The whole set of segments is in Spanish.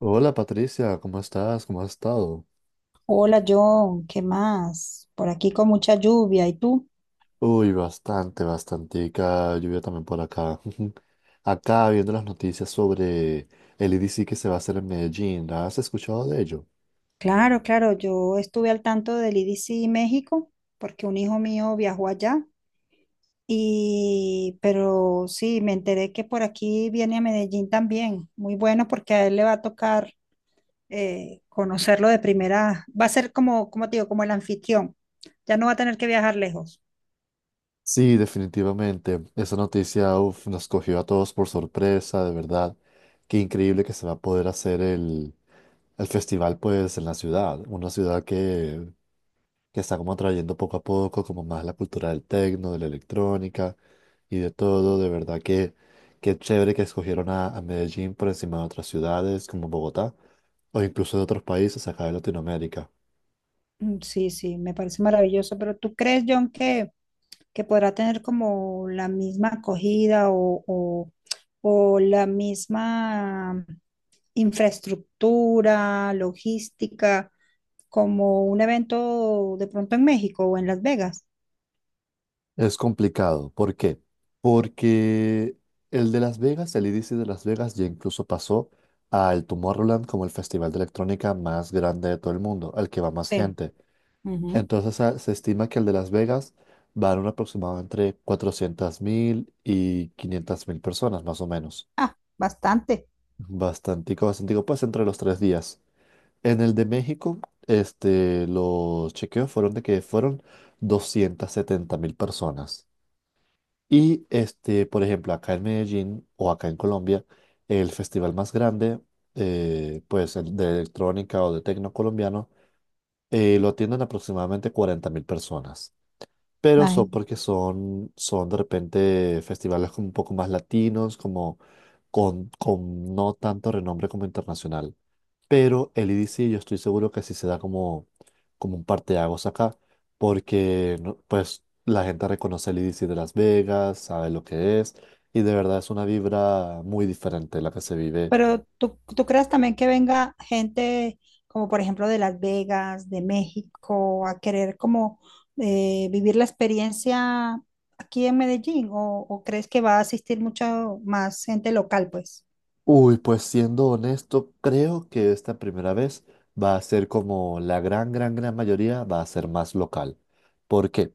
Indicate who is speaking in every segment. Speaker 1: Hola Patricia, ¿cómo estás? ¿Cómo has estado?
Speaker 2: Hola John, ¿qué más? Por aquí con mucha lluvia, ¿y tú?
Speaker 1: Uy, bastante, bastantica lluvia también por acá. Acá viendo las noticias sobre el I D C que se va a hacer en Medellín, ¿has escuchado de ello?
Speaker 2: Claro, claro, yo estuve al tanto del IDC México porque un hijo mío viajó allá y pero sí, me enteré que por aquí viene a Medellín también. Muy bueno porque a él le va a tocar conocerlo de primera. Va a ser como, como te digo, como el anfitrión. Ya no va a tener que viajar lejos.
Speaker 1: Sí, definitivamente. Esa noticia, uf, nos cogió a todos por sorpresa, de verdad. Qué increíble que se va a poder hacer el festival, pues, en la ciudad. Una ciudad que está como trayendo poco a poco como más la cultura del techno, de la electrónica y de todo. De verdad que qué chévere que escogieron a Medellín por encima de otras ciudades como Bogotá o incluso de otros países acá de Latinoamérica.
Speaker 2: Mm, sí, sí, me parece maravilloso, pero ¿tú crees, John, que podrá tener como la misma acogida o o- la misma infraestructura, logística, como un evento de pronto en México o en Las Vegas?
Speaker 1: Es complicado. ¿Por qué? Porque el de Las Vegas, el EDC de Las Vegas ya incluso pasó al Tomorrowland como el festival de electrónica más grande de todo el mundo, al que va más
Speaker 2: Sí.
Speaker 1: gente.
Speaker 2: Ujú.
Speaker 1: Entonces se estima que el de Las Vegas va a dar un aproximado entre 400.000 y 500.000 personas, más o menos.
Speaker 2: Ah, bastante.
Speaker 1: Bastantico, bastantico, pues entre los 3 días. En el de México, este, los chequeos fueron de que fueron 270.000 personas. Y este, por ejemplo, acá en Medellín o acá en Colombia, el festival más grande, pues el de electrónica o de tecno colombiano, lo atienden aproximadamente 40.000 personas. Pero son
Speaker 2: Imagi-
Speaker 1: porque son de repente festivales como un poco más latinos, como con no tanto renombre como internacional. Pero el I D C yo estoy seguro que sí se da como un parteaguas acá, porque pues la gente reconoce el I D C de Las Vegas, sabe lo que es, y de verdad es una vibra muy diferente la que se vive.
Speaker 2: Pero tú crees también que venga gente como por ejemplo de Las Vegas, de México, a querer como vivir la experiencia aquí en Medellín o crees que va a asistir mucho más gente local, pues.
Speaker 1: Uy, pues siendo honesto, creo que esta primera vez va a ser como la gran, gran, gran mayoría, va a ser más local. ¿Por qué?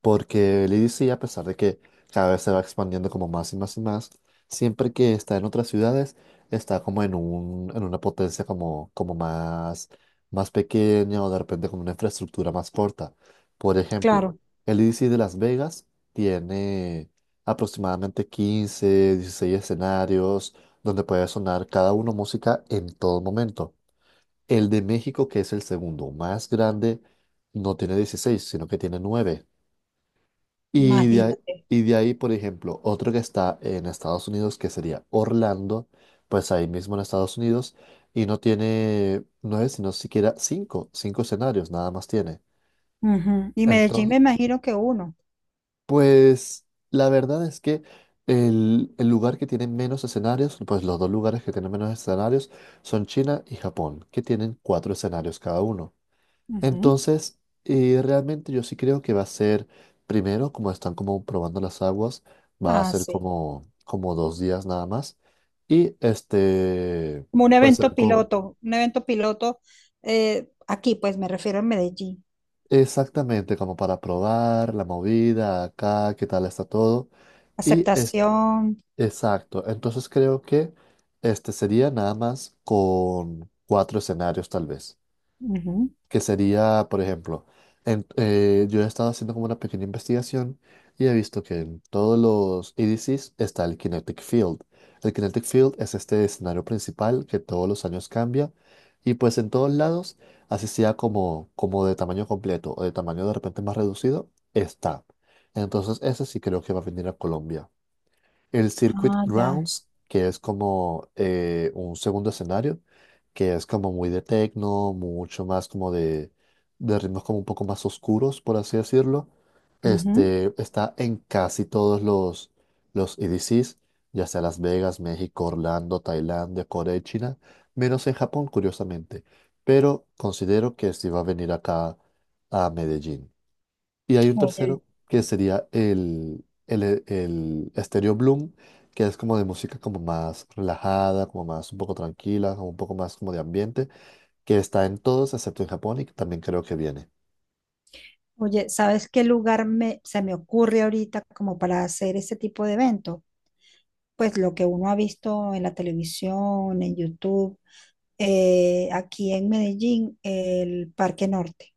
Speaker 1: Porque el I D C, a pesar de que cada vez se va expandiendo como más y más y más, siempre que está en otras ciudades, está como en una potencia como más pequeña o de repente con una infraestructura más corta. Por ejemplo,
Speaker 2: Claro.
Speaker 1: el I D C de Las Vegas tiene aproximadamente 15, 16 escenarios donde puede sonar cada uno música en todo momento. El de México, que es el segundo más grande, no tiene 16, sino que tiene 9. Y de ahí,
Speaker 2: Imagínate.
Speaker 1: y de ahí, por ejemplo, otro que está en Estados Unidos, que sería Orlando, pues ahí mismo en Estados Unidos, y no tiene nueve, sino siquiera cinco escenarios, nada más tiene.
Speaker 2: Ujú. Y Medellín me
Speaker 1: Entonces,
Speaker 2: imagino que uno.
Speaker 1: pues la verdad es que el lugar que tiene menos escenarios, pues los dos lugares que tienen menos escenarios son China y Japón, que tienen cuatro escenarios cada uno.
Speaker 2: Ujú.
Speaker 1: Entonces, realmente yo sí creo que va a ser, primero, como están como probando las aguas, va a
Speaker 2: Ah,
Speaker 1: ser
Speaker 2: sí.
Speaker 1: como 2 días nada más. Y este,
Speaker 2: Como
Speaker 1: pues será
Speaker 2: un evento piloto aquí, pues me refiero en Medellín.
Speaker 1: exactamente como para probar la movida acá, qué tal está todo. Y es,
Speaker 2: Aceptación.
Speaker 1: exacto, entonces creo que este sería nada más con cuatro escenarios tal vez.
Speaker 2: Ujú.
Speaker 1: Que sería, por ejemplo, yo he estado haciendo como una pequeña investigación y he visto que en todos los EDCs está el Kinetic Field. El Kinetic Field es este escenario principal que todos los años cambia y pues en todos lados, así sea como de tamaño completo o de tamaño de repente más reducido, está. Entonces ese sí creo que va a venir a Colombia. El Circuit
Speaker 2: Ah, ya.
Speaker 1: Grounds, que es como un segundo escenario, que es como muy de techno, mucho más como de ritmos como un poco más oscuros, por así decirlo.
Speaker 2: Ujú.
Speaker 1: Este está en casi todos los EDCs, ya sea Las Vegas, México, Orlando, Tailandia, Corea y China, menos en Japón, curiosamente. Pero considero que sí va a venir acá a Medellín. Y hay un
Speaker 2: Oye.
Speaker 1: tercero que sería el Stereo Bloom, que es como de música como más relajada, como más un poco tranquila, como un poco más como de ambiente, que está en todos excepto en Japón y que también creo que viene.
Speaker 2: Oye, ¿sabes qué lugar se me ocurre ahorita como para hacer ese tipo de evento? Pues lo que uno ha visto en la televisión, en YouTube, aquí en Medellín, el Parque Norte.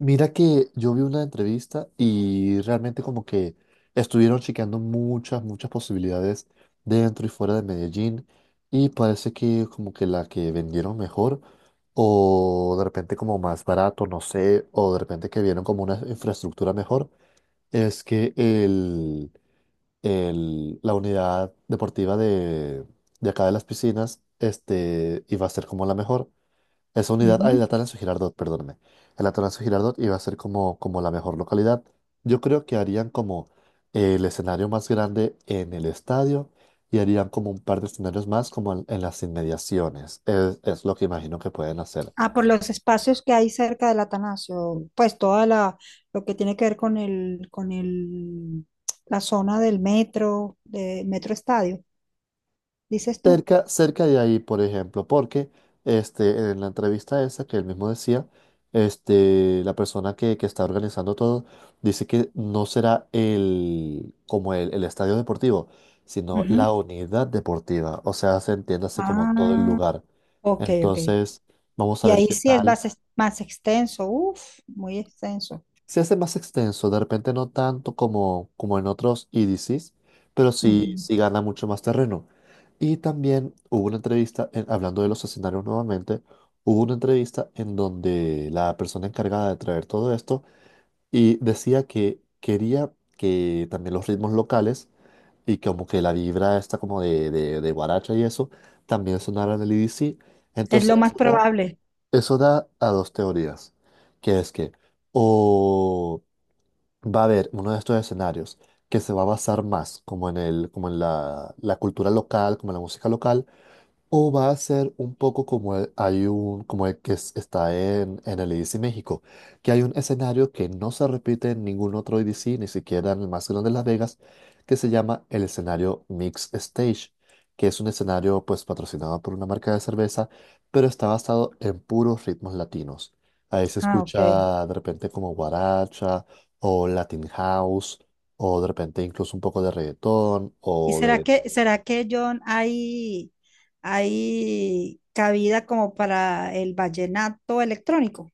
Speaker 1: Mira que yo vi una entrevista y realmente como que estuvieron chequeando muchas, muchas posibilidades dentro y fuera de Medellín y parece que como que la que vendieron mejor o de repente como más barato, no sé, o de repente que vieron como una infraestructura mejor es que la unidad deportiva de acá de las piscinas este, iba a ser como la mejor. Esa unidad, ah, el
Speaker 2: Ujú.
Speaker 1: Atanasio Girardot, perdóname. El Atanasio Girardot iba a ser como la mejor localidad. Yo creo que harían como el escenario más grande en el estadio y harían como un par de escenarios más como en las inmediaciones. Es lo que imagino que pueden hacer.
Speaker 2: Ah, por los espacios que hay cerca del Atanasio, pues toda lo que tiene que ver con con el la zona del metro, de Metro Estadio, dices tú.
Speaker 1: Cerca, cerca de ahí, por ejemplo, porque este, en la entrevista esa que él mismo decía, este, la persona que está organizando todo dice que no será el estadio deportivo, sino
Speaker 2: Ujú.
Speaker 1: la unidad deportiva, o sea, se entiéndase como todo el
Speaker 2: Ah,
Speaker 1: lugar.
Speaker 2: ok, ok.
Speaker 1: Entonces, vamos a
Speaker 2: Y
Speaker 1: ver
Speaker 2: ahí
Speaker 1: qué
Speaker 2: sí es
Speaker 1: tal.
Speaker 2: más, más extenso, uff, muy extenso.
Speaker 1: Se hace más extenso, de repente no tanto como en otros EDCs, pero sí,
Speaker 2: Ujú.
Speaker 1: sí gana mucho más terreno. Y también hubo una entrevista, hablando de los escenarios nuevamente, hubo una entrevista en donde la persona encargada de traer todo esto y decía que quería que también los ritmos locales y como que la vibra esta como de guaracha y eso también sonara en el EDC.
Speaker 2: Es lo
Speaker 1: Entonces
Speaker 2: más
Speaker 1: eso da,
Speaker 2: probable.
Speaker 1: eso da a dos teorías, que es que o va a haber uno de estos escenarios que se va a basar más como en la cultura local, como en la música local, o va a ser un poco como el, hay un, como el que es- está en el E D C México, que hay un escenario que no se repite en ningún otro E D C ni siquiera en el más grande de Las Vegas, que se llama el escenario Mix Stage, que es un escenario pues patrocinado por una marca de cerveza, pero está basado en puros ritmos latinos. Ahí se
Speaker 2: Ah, ok.
Speaker 1: escucha de repente como guaracha o Latin House, o de repente incluso un poco de reggaetón
Speaker 2: ¿Y
Speaker 1: o de.
Speaker 2: será que, John, hay cabida como para el vallenato electrónico?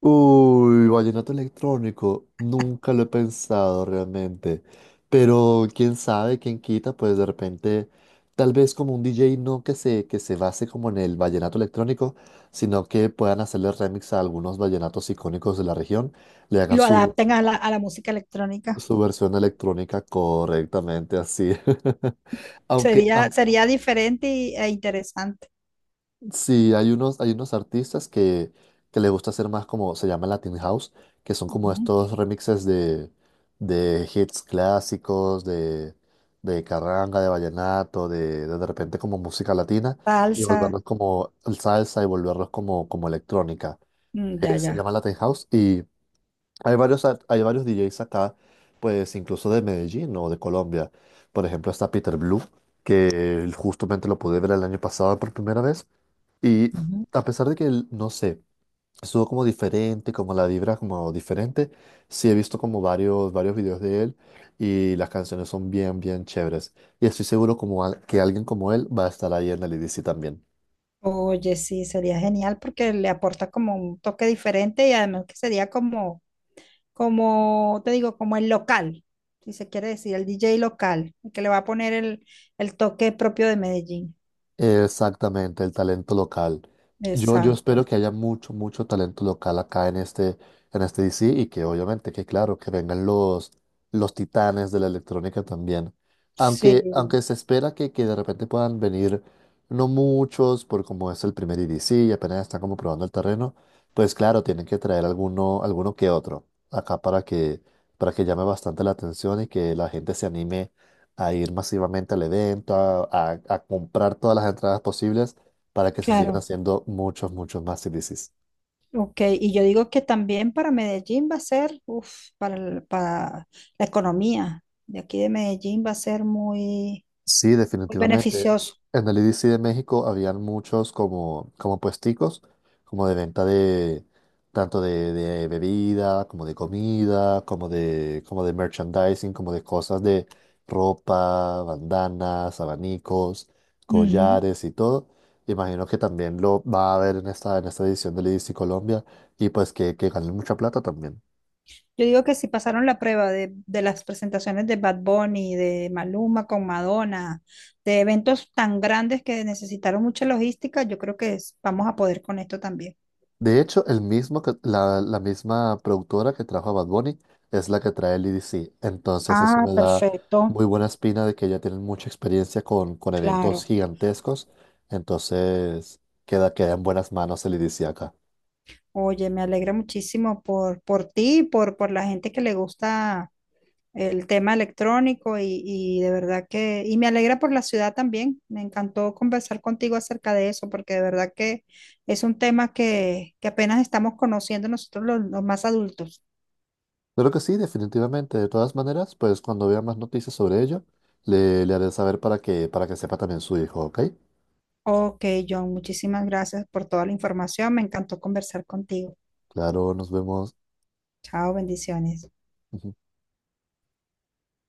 Speaker 1: Uy, vallenato electrónico, nunca lo he pensado realmente, pero quién sabe, quién quita, pues de repente, tal vez como un DJ no que se base como en el vallenato electrónico, sino que puedan hacerle remix a algunos vallenatos icónicos de la región, le
Speaker 2: Y
Speaker 1: hagan
Speaker 2: lo
Speaker 1: su,
Speaker 2: adapten a a la música electrónica.
Speaker 1: su versión electrónica correctamente así. Aunque,
Speaker 2: Sería,
Speaker 1: aunque
Speaker 2: sería diferente e interesante.
Speaker 1: sí, hay unos artistas que les gusta hacer más como se llama Latin House, que son como
Speaker 2: Ujú.
Speaker 1: estos remixes de hits clásicos, de carranga, de vallenato, de repente como música latina y
Speaker 2: Salsa,
Speaker 1: volverlos como salsa y volverlos como electrónica.
Speaker 2: mm, ya,
Speaker 1: Se
Speaker 2: ya.
Speaker 1: llama Latin House y hay varios DJs acá, pues incluso de Medellín o de Colombia. Por ejemplo, está Peter Blue, que justamente lo pude ver el año pasado por primera vez. Y
Speaker 2: Ujú.
Speaker 1: a pesar de que, no sé, estuvo como diferente, como la vibra como diferente, sí he visto como varios, varios videos de él y las canciones son bien, bien chéveres. Y estoy seguro que alguien como él va a estar ahí en el EDC también.
Speaker 2: Oye, sí, sería genial porque le aporta como un toque diferente y además que sería como, como te digo, como el local, si se quiere decir, el DJ local, el que le va a poner el toque propio de Medellín.
Speaker 1: Exactamente, el talento local. Yo espero
Speaker 2: Exacto.
Speaker 1: que haya mucho, mucho talento local acá en este, DC y que obviamente, que claro, que vengan los titanes de la electrónica también.
Speaker 2: Sí,
Speaker 1: Aunque se espera que de repente puedan venir no muchos, por como es el primer IDC y apenas están como probando el terreno, pues claro, tienen que traer alguno, alguno que otro acá para que llame bastante la atención y que la gente se anime a ir masivamente al evento, a comprar todas las entradas posibles para que se sigan
Speaker 2: claro.
Speaker 1: haciendo muchos, muchos más CDCs.
Speaker 2: Ok, y yo digo que también para Medellín va a ser, uf, para la economía de aquí de Medellín va a ser muy,
Speaker 1: Sí,
Speaker 2: muy
Speaker 1: definitivamente.
Speaker 2: beneficioso.
Speaker 1: En el IDC de México habían muchos como puesticos, como de venta de tanto de bebida, como de comida, como de merchandising, como de cosas de ropa, bandanas, abanicos,
Speaker 2: Ujú.
Speaker 1: collares y todo. Imagino que también lo va a haber en esta edición del IDC Colombia y pues que ganen mucha plata también.
Speaker 2: Yo digo que si pasaron la prueba de las presentaciones de Bad Bunny, de Maluma con Madonna, de eventos tan grandes que necesitaron mucha logística, yo creo que vamos a poder con esto también.
Speaker 1: De hecho, el mismo que, la misma productora que trajo a Bad Bunny es la que trae el E D C. Entonces eso
Speaker 2: Ah,
Speaker 1: me da
Speaker 2: perfecto,
Speaker 1: muy buena espina de que ya tienen mucha experiencia con eventos
Speaker 2: claro.
Speaker 1: gigantescos. Entonces queda en buenas manos el E D C acá.
Speaker 2: Oye, me alegra muchísimo por ti, y por la gente que le gusta el tema electrónico y de verdad que, y me alegra por la ciudad también. Me encantó conversar contigo acerca de eso porque de verdad que es un tema que apenas estamos conociendo nosotros los más adultos.
Speaker 1: Creo que sí, definitivamente. De todas maneras, pues cuando vea más noticias sobre ello, le haré saber para que, sepa también su hijo, ¿ok?
Speaker 2: Ok, John, muchísimas gracias por toda la información. Me encantó conversar contigo.
Speaker 1: Claro, nos vemos.
Speaker 2: Chao, bendiciones.